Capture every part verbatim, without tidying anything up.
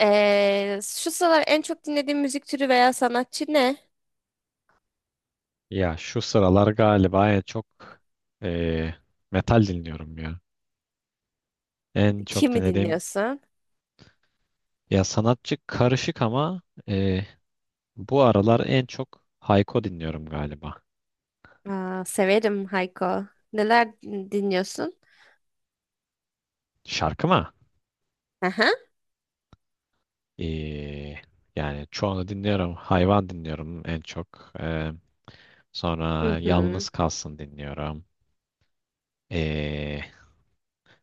Ee, şu sıralar en çok dinlediğin müzik türü veya sanatçı ne? Ya şu sıralar galiba en çok eee, metal dinliyorum ya. En çok Kimi dinlediğim dinliyorsun? ya sanatçı karışık ama eee, bu aralar en çok Hayko dinliyorum galiba. Aa, severim Hayko. Neler dinliyorsun? Şarkı mı? Aha. Eee, yani çoğunu dinliyorum. Hayvan dinliyorum en çok. Eee, Hı sonra hı. Yalnız Kalsın dinliyorum. Eee,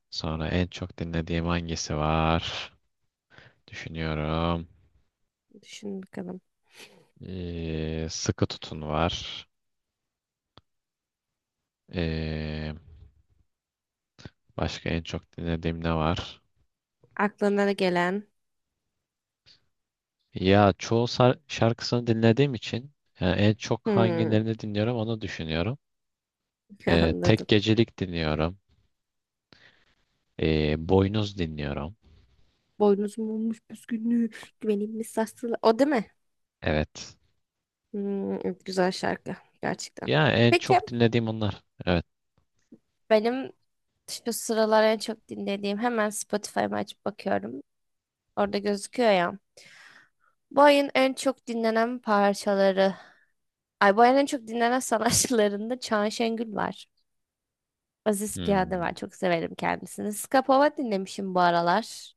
sonra en çok dinlediğim hangisi var? Düşünüyorum. Düşün bakalım. Eee, Sıkı Tutun var. Eee Başka en çok dinlediğim ne var? Aklına gelen. Ya çoğu sar- şarkısını dinlediğim için yani en çok Hı, hangilerini dinliyorum onu düşünüyorum. Ee, Tek anladım. Gecelik dinliyorum. Ee, Boynuz dinliyorum. Boynuzum olmuş püskünlüğü, güvenilmiş sarsılı. O değil mi? Evet. Hı, güzel şarkı gerçekten. Ya en Peki çok dinlediğim onlar. Evet. benim şu sıralar en çok dinlediğim hemen Spotify'ımı açıp bakıyorum. Orada gözüküyor ya. Bu ayın en çok dinlenen parçaları. Alboya'nın en çok dinlenen sanatçılarında Çağan Şengül var. Aziz Piyade Hmm. var. Çok severim kendisini. Skapova dinlemişim bu aralar.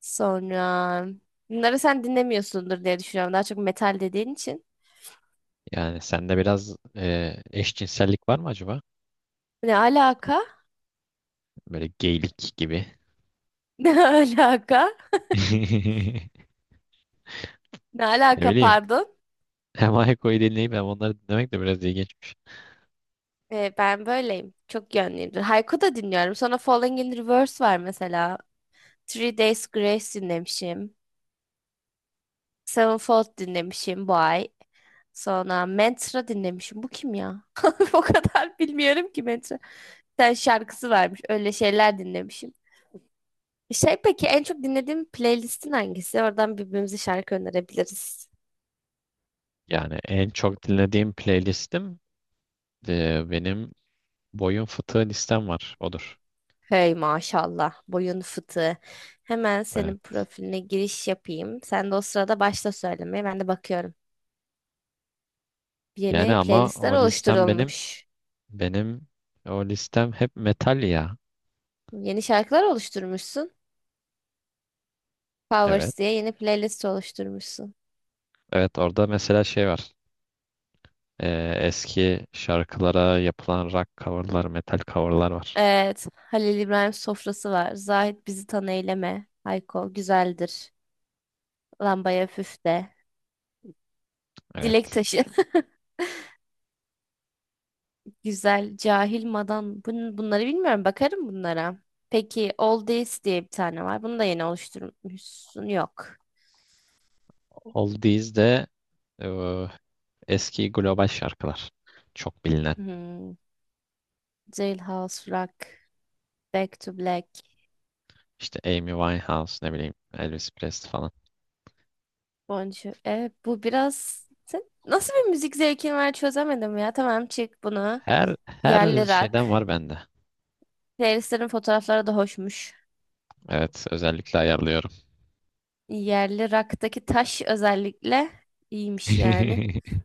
Sonra bunları sen dinlemiyorsundur diye düşünüyorum. Daha çok metal dediğin için. Yani sende biraz e, eşcinsellik var mı acaba? Ne alaka? Böyle geylik gibi. Ne alaka? Ne Ne alaka bileyim. pardon. Hem Ayko'yu dinleyip hem onları dinlemek de biraz ilginçmiş. Ee, ben böyleyim. Çok yönlüyümdür. Haiku da dinliyorum. Sonra Falling in Reverse var mesela. Three Days Grace dinlemişim. Sevenfold dinlemişim bu ay. Sonra Mantra dinlemişim. Bu kim ya? O kadar bilmiyorum ki Mantra. Sen şarkısı varmış. Öyle şeyler dinlemişim. Şey peki en çok dinlediğim playlistin hangisi? Oradan birbirimize şarkı önerebiliriz. Yani en çok dinlediğim playlistim e, benim Boyun fıtığı listem var. Odur. Hey maşallah boyun fıtığı. Hemen Ee, senin profiline giriş yapayım. Sen de o sırada başla söylemeye. Ben de bakıyorum. Yani Yeni ama playlistler o listem benim oluşturulmuş. benim o listem hep metal ya. Yeni şarkılar oluşturmuşsun. Evet. Powers diye yeni playlist oluşturmuşsun. Evet orada mesela şey var. Ee, eski şarkılara yapılan rock coverlar, metal coverlar var. Evet. Halil İbrahim sofrası var. Zahit bizi tan eyleme. Hayko güzeldir. Lambaya püf de. Dilek Evet. taşı. Güzel. Cahil madan. Bun- bunları bilmiyorum. Bakarım bunlara. Peki Oldies diye bir tane var. Bunu da yeni oluşturmuşsun. Yok. Oldies de e, eski global şarkılar. Çok bilinen. Hmm. Jailhouse Rock. Back to Black. İşte Amy Winehouse ne bileyim Elvis Presley falan. Bonjour. Evet bu biraz... Sen nasıl bir müzik zevkin var çözemedim ya. Tamam çık bunu. Her her Yerli rock. şeyden var bende. Playlistlerin fotoğrafları da hoşmuş. Evet özellikle ayarlıyorum. Yerli raktaki taş özellikle iyiymiş yani.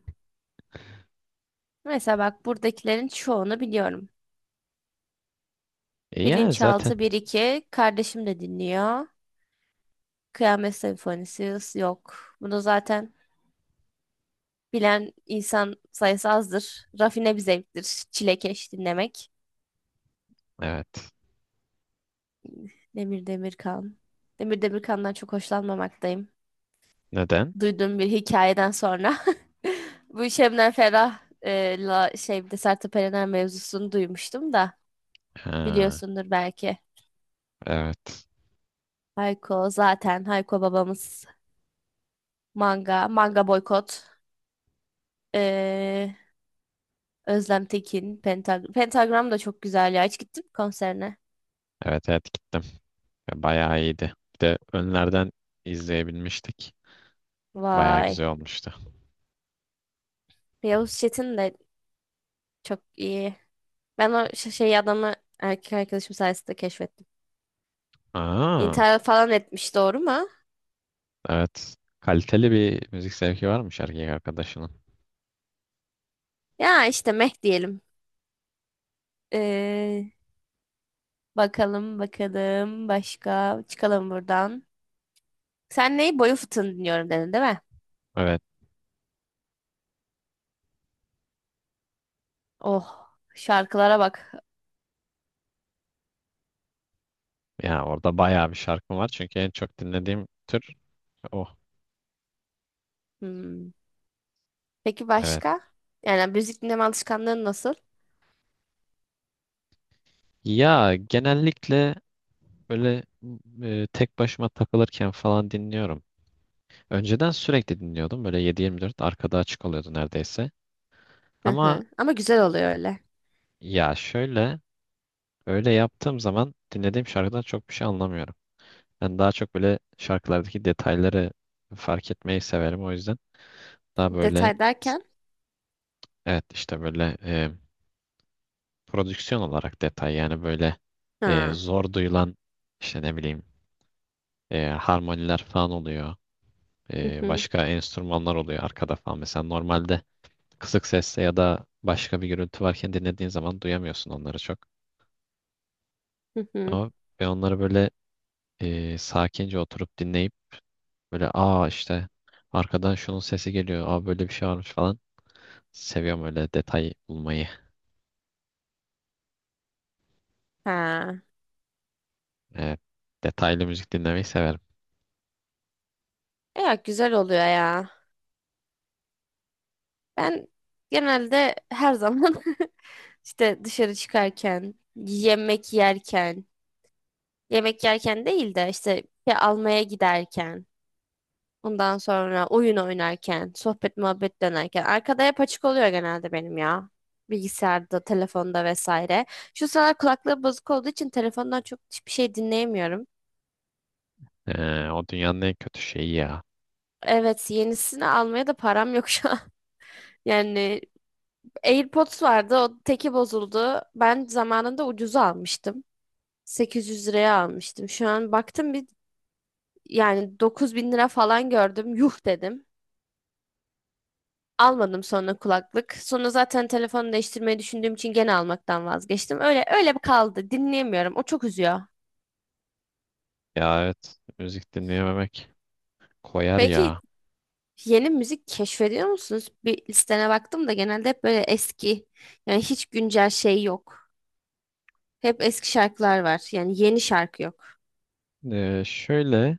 Mesela bak buradakilerin çoğunu biliyorum. E, Yani zaten Bilinçaltı bir iki kardeşim de dinliyor. Kıyamet Senfonisi yok. Bunu zaten bilen insan sayısı azdır. Rafine bir zevktir. Çilekeş dinlemek. evet. Demir Demirkan. Demir Demirkan'dan çok hoşlanmamaktayım. Neden? Duyduğum bir hikayeden sonra. Bu Şebnem Ferah e, la, şey bir de Sertab Erener mevzusunu duymuştum da. Ha, Biliyorsundur belki. evet. Hayko zaten Hayko babamız manga, manga boykot. Ee, Özlem Tekin, Pentag Pentagram da çok güzel ya. Hiç gittin mi konserine? Evet evet gittim. Ve Bayağı iyiydi. Bir de önlerden izleyebilmiştik. Bayağı Vay. güzel olmuştu. Yavuz Çetin de çok iyi. Ben o ş- şey adamı erkek arkadaşım sayesinde keşfettim. Aa, İnternet falan etmiş doğru mu? evet. Kaliteli bir müzik zevki varmış erkek arkadaşının. Ya işte meh diyelim. Ee, Bakalım bakalım başka çıkalım buradan. Sen neyi boyu fıtığını dinliyorum dedin değil mi? Evet. Oh şarkılara bak. Ya orada bayağı bir şarkı var. Çünkü en çok dinlediğim tür o. Hmm. Peki Evet. başka? Yani müzik dinleme alışkanlığın nasıl? Ya genellikle böyle e, tek başıma takılırken falan dinliyorum. Önceden sürekli dinliyordum. Böyle yedi yirmi dört arkada açık oluyordu neredeyse. Hı Ama hı. Ama güzel oluyor öyle. ya şöyle öyle yaptığım zaman dinlediğim şarkıdan çok bir şey anlamıyorum. Ben daha çok böyle şarkılardaki detayları fark etmeyi severim o yüzden. Daha böyle Detay s- derken. evet işte böyle e, prodüksiyon olarak detay, yani böyle e, Ha. zor duyulan işte ne bileyim e, harmoniler falan oluyor. Hı E, hı. başka enstrümanlar oluyor arkada falan. Mesela normalde kısık sesle ya da başka bir gürültü varken dinlediğin zaman duyamıyorsun onları çok. Hı hı. Ama ben onları böyle e, sakince oturup dinleyip böyle aa işte arkadan şunun sesi geliyor. Aa böyle bir şey varmış falan. Seviyorum öyle detay bulmayı. Ha. Ee, detaylı müzik dinlemeyi severim. E ya güzel oluyor ya. Ben genelde her zaman işte dışarı çıkarken, yemek yerken, yemek yerken değil de işte bir şey almaya giderken. Ondan sonra oyun oynarken, sohbet muhabbet dönerken arkada hep açık oluyor genelde benim ya. Bilgisayarda, telefonda vesaire. Şu sıralar kulaklığı bozuk olduğu için telefondan çok hiçbir şey dinleyemiyorum. Ee, o dünyanın en kötü şeyi ya. Evet, yenisini almaya da param yok şu an. Yani AirPods vardı, o teki bozuldu. Ben zamanında ucuza almıştım. sekiz yüz liraya almıştım. Şu an baktım bir yani dokuz bin lira falan gördüm. Yuh dedim. Almadım sonra kulaklık. Sonra zaten telefonu değiştirmeyi düşündüğüm için gene almaktan vazgeçtim. Öyle öyle bir kaldı. Dinleyemiyorum. O çok üzüyor. Ya evet, müzik dinleyememek koyar Peki ya. yeni müzik keşfediyor musunuz? Bir listene baktım da genelde hep böyle eski. Yani hiç güncel şey yok. Hep eski şarkılar var. Yani yeni şarkı yok. Ee, şöyle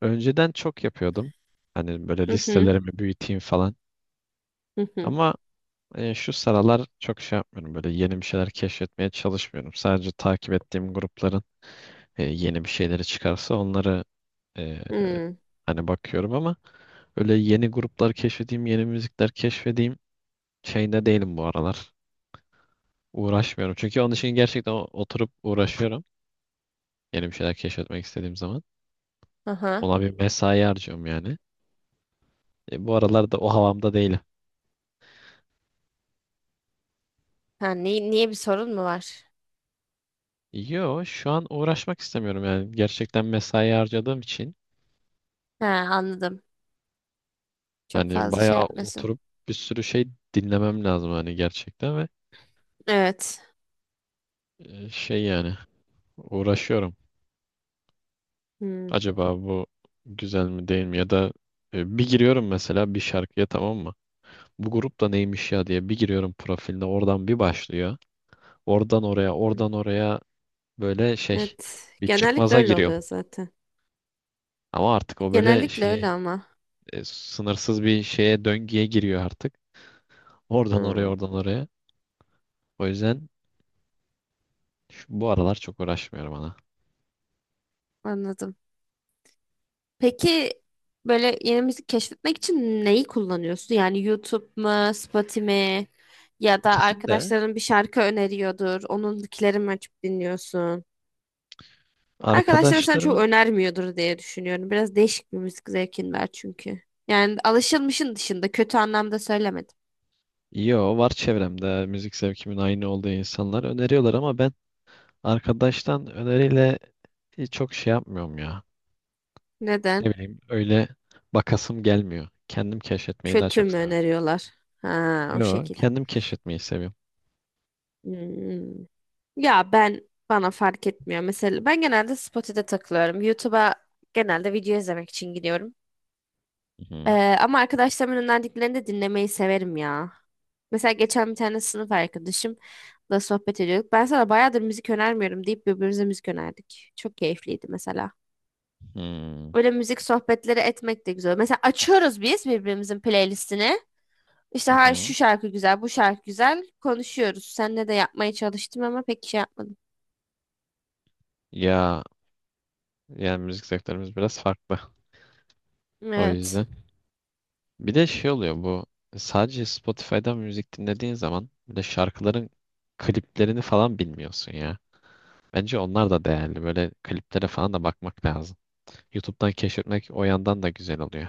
önceden çok yapıyordum. Hani böyle Hı hı listelerimi büyüteyim falan. hı hı. Ama e, şu sıralar çok şey yapmıyorum. Böyle yeni bir şeyler keşfetmeye çalışmıyorum. Sadece takip ettiğim grupların e, yeni bir şeyleri çıkarsa onları e, Hı. hani bakıyorum ama öyle yeni gruplar keşfedeyim, yeni müzikler keşfedeyim şeyinde değilim bu aralar. Uğraşmıyorum. Çünkü onun için gerçekten o- oturup uğraşıyorum. Yeni bir şeyler keşfetmek istediğim zaman. Aha. Ona bir mesai harcıyorum yani. E, bu aralar da o havamda değilim. Ha, ni- niye bir sorun mu var? Yo, şu an uğraşmak istemiyorum yani. Gerçekten mesai harcadığım için Ha, anladım. Çok hani fazla şey bayağı yapmasın. oturup bir sürü şey dinlemem lazım hani gerçekten ve Evet. e, şey yani uğraşıyorum. Hmm. Acaba bu güzel mi değil mi, ya da e, bir giriyorum mesela bir şarkıya, tamam mı? Bu grup da neymiş ya diye bir giriyorum profiline, oradan bir başlıyor. Oradan oraya oradan oraya böyle şey, Evet. bir Genellikle çıkmaza öyle oluyor giriyorum. zaten. Ama artık o böyle Genellikle öyle şey ama. e, sınırsız bir şeye, döngüye giriyor artık. Oradan oraya Hmm, oradan oraya. O yüzden şu, bu aralar çok uğraşmıyorum ana. anladım. Peki böyle yeni müzik keşfetmek için neyi kullanıyorsun? Yani YouTube mu, Spotify mi? Ya da İkisini de arkadaşların bir şarkı öneriyordur. Onunkileri mi açıp dinliyorsun? Arkadaşların sana çok arkadaşlarımın, önermiyordur diye düşünüyorum. Biraz değişik bir müzik zevkin var çünkü. Yani alışılmışın dışında kötü anlamda söylemedim. yo var çevremde müzik zevkimin aynı olduğu insanlar öneriyorlar ama ben arkadaştan öneriyle hiç çok şey yapmıyorum ya. Ne Neden? bileyim öyle bakasım gelmiyor. Kendim keşfetmeyi daha Kötü çok mü seviyorum. öneriyorlar? Ha, o Yo, şekil. kendim keşfetmeyi seviyorum. Hmm. Ya ben bana fark etmiyor. Mesela ben genelde Spotify'da takılıyorum. YouTube'a genelde video izlemek için gidiyorum. Hı Ee, hı. Ama arkadaşlarımın önerdiklerini de dinlemeyi severim ya. Mesela geçen bir tane sınıf arkadaşımla sohbet ediyorduk. Ben sana bayağıdır müzik önermiyorum deyip birbirimize müzik önerdik. Çok keyifliydi mesela. Hmm. Öyle müzik sohbetleri etmek de güzel. Mesela açıyoruz biz birbirimizin playlistini. İşte Hı ha şu hı. şarkı güzel, bu şarkı güzel konuşuyoruz. Seninle de yapmaya çalıştım ama pek şey yapmadım. Ya yani müzik zevklerimiz biraz farklı. O Evet. yüzden. Bir de şey oluyor, bu sadece Spotify'dan müzik dinlediğin zaman bir de şarkıların kliplerini falan bilmiyorsun ya. Bence onlar da değerli. Böyle kliplere falan da bakmak lazım. YouTube'dan keşfetmek o yandan da güzel oluyor.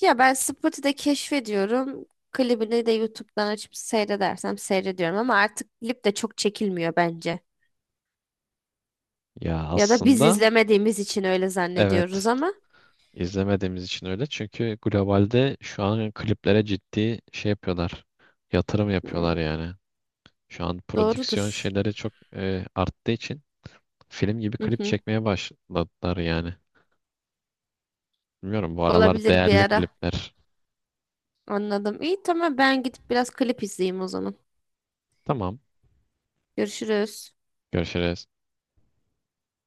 Ya ben Spotify'da keşfediyorum. Klibini de YouTube'dan açıp seyredersem seyrediyorum ama artık klip de çok çekilmiyor bence. Ya Ya da biz aslında izlemediğimiz için öyle zannediyoruz evet. ama İzlemediğimiz için öyle. Çünkü globalde şu an kliplere ciddi şey yapıyorlar. Yatırım yapıyorlar hmm, yani. Şu an prodüksiyon doğrudur. şeyleri çok e, arttığı için film gibi Hı klip hı. çekmeye başladılar yani. Bilmiyorum, bu aralar Olabilir bir değerli ara. klipler. Anladım. İyi tamam ben gidip biraz klip izleyeyim o zaman. Tamam. Görüşürüz. Görüşürüz.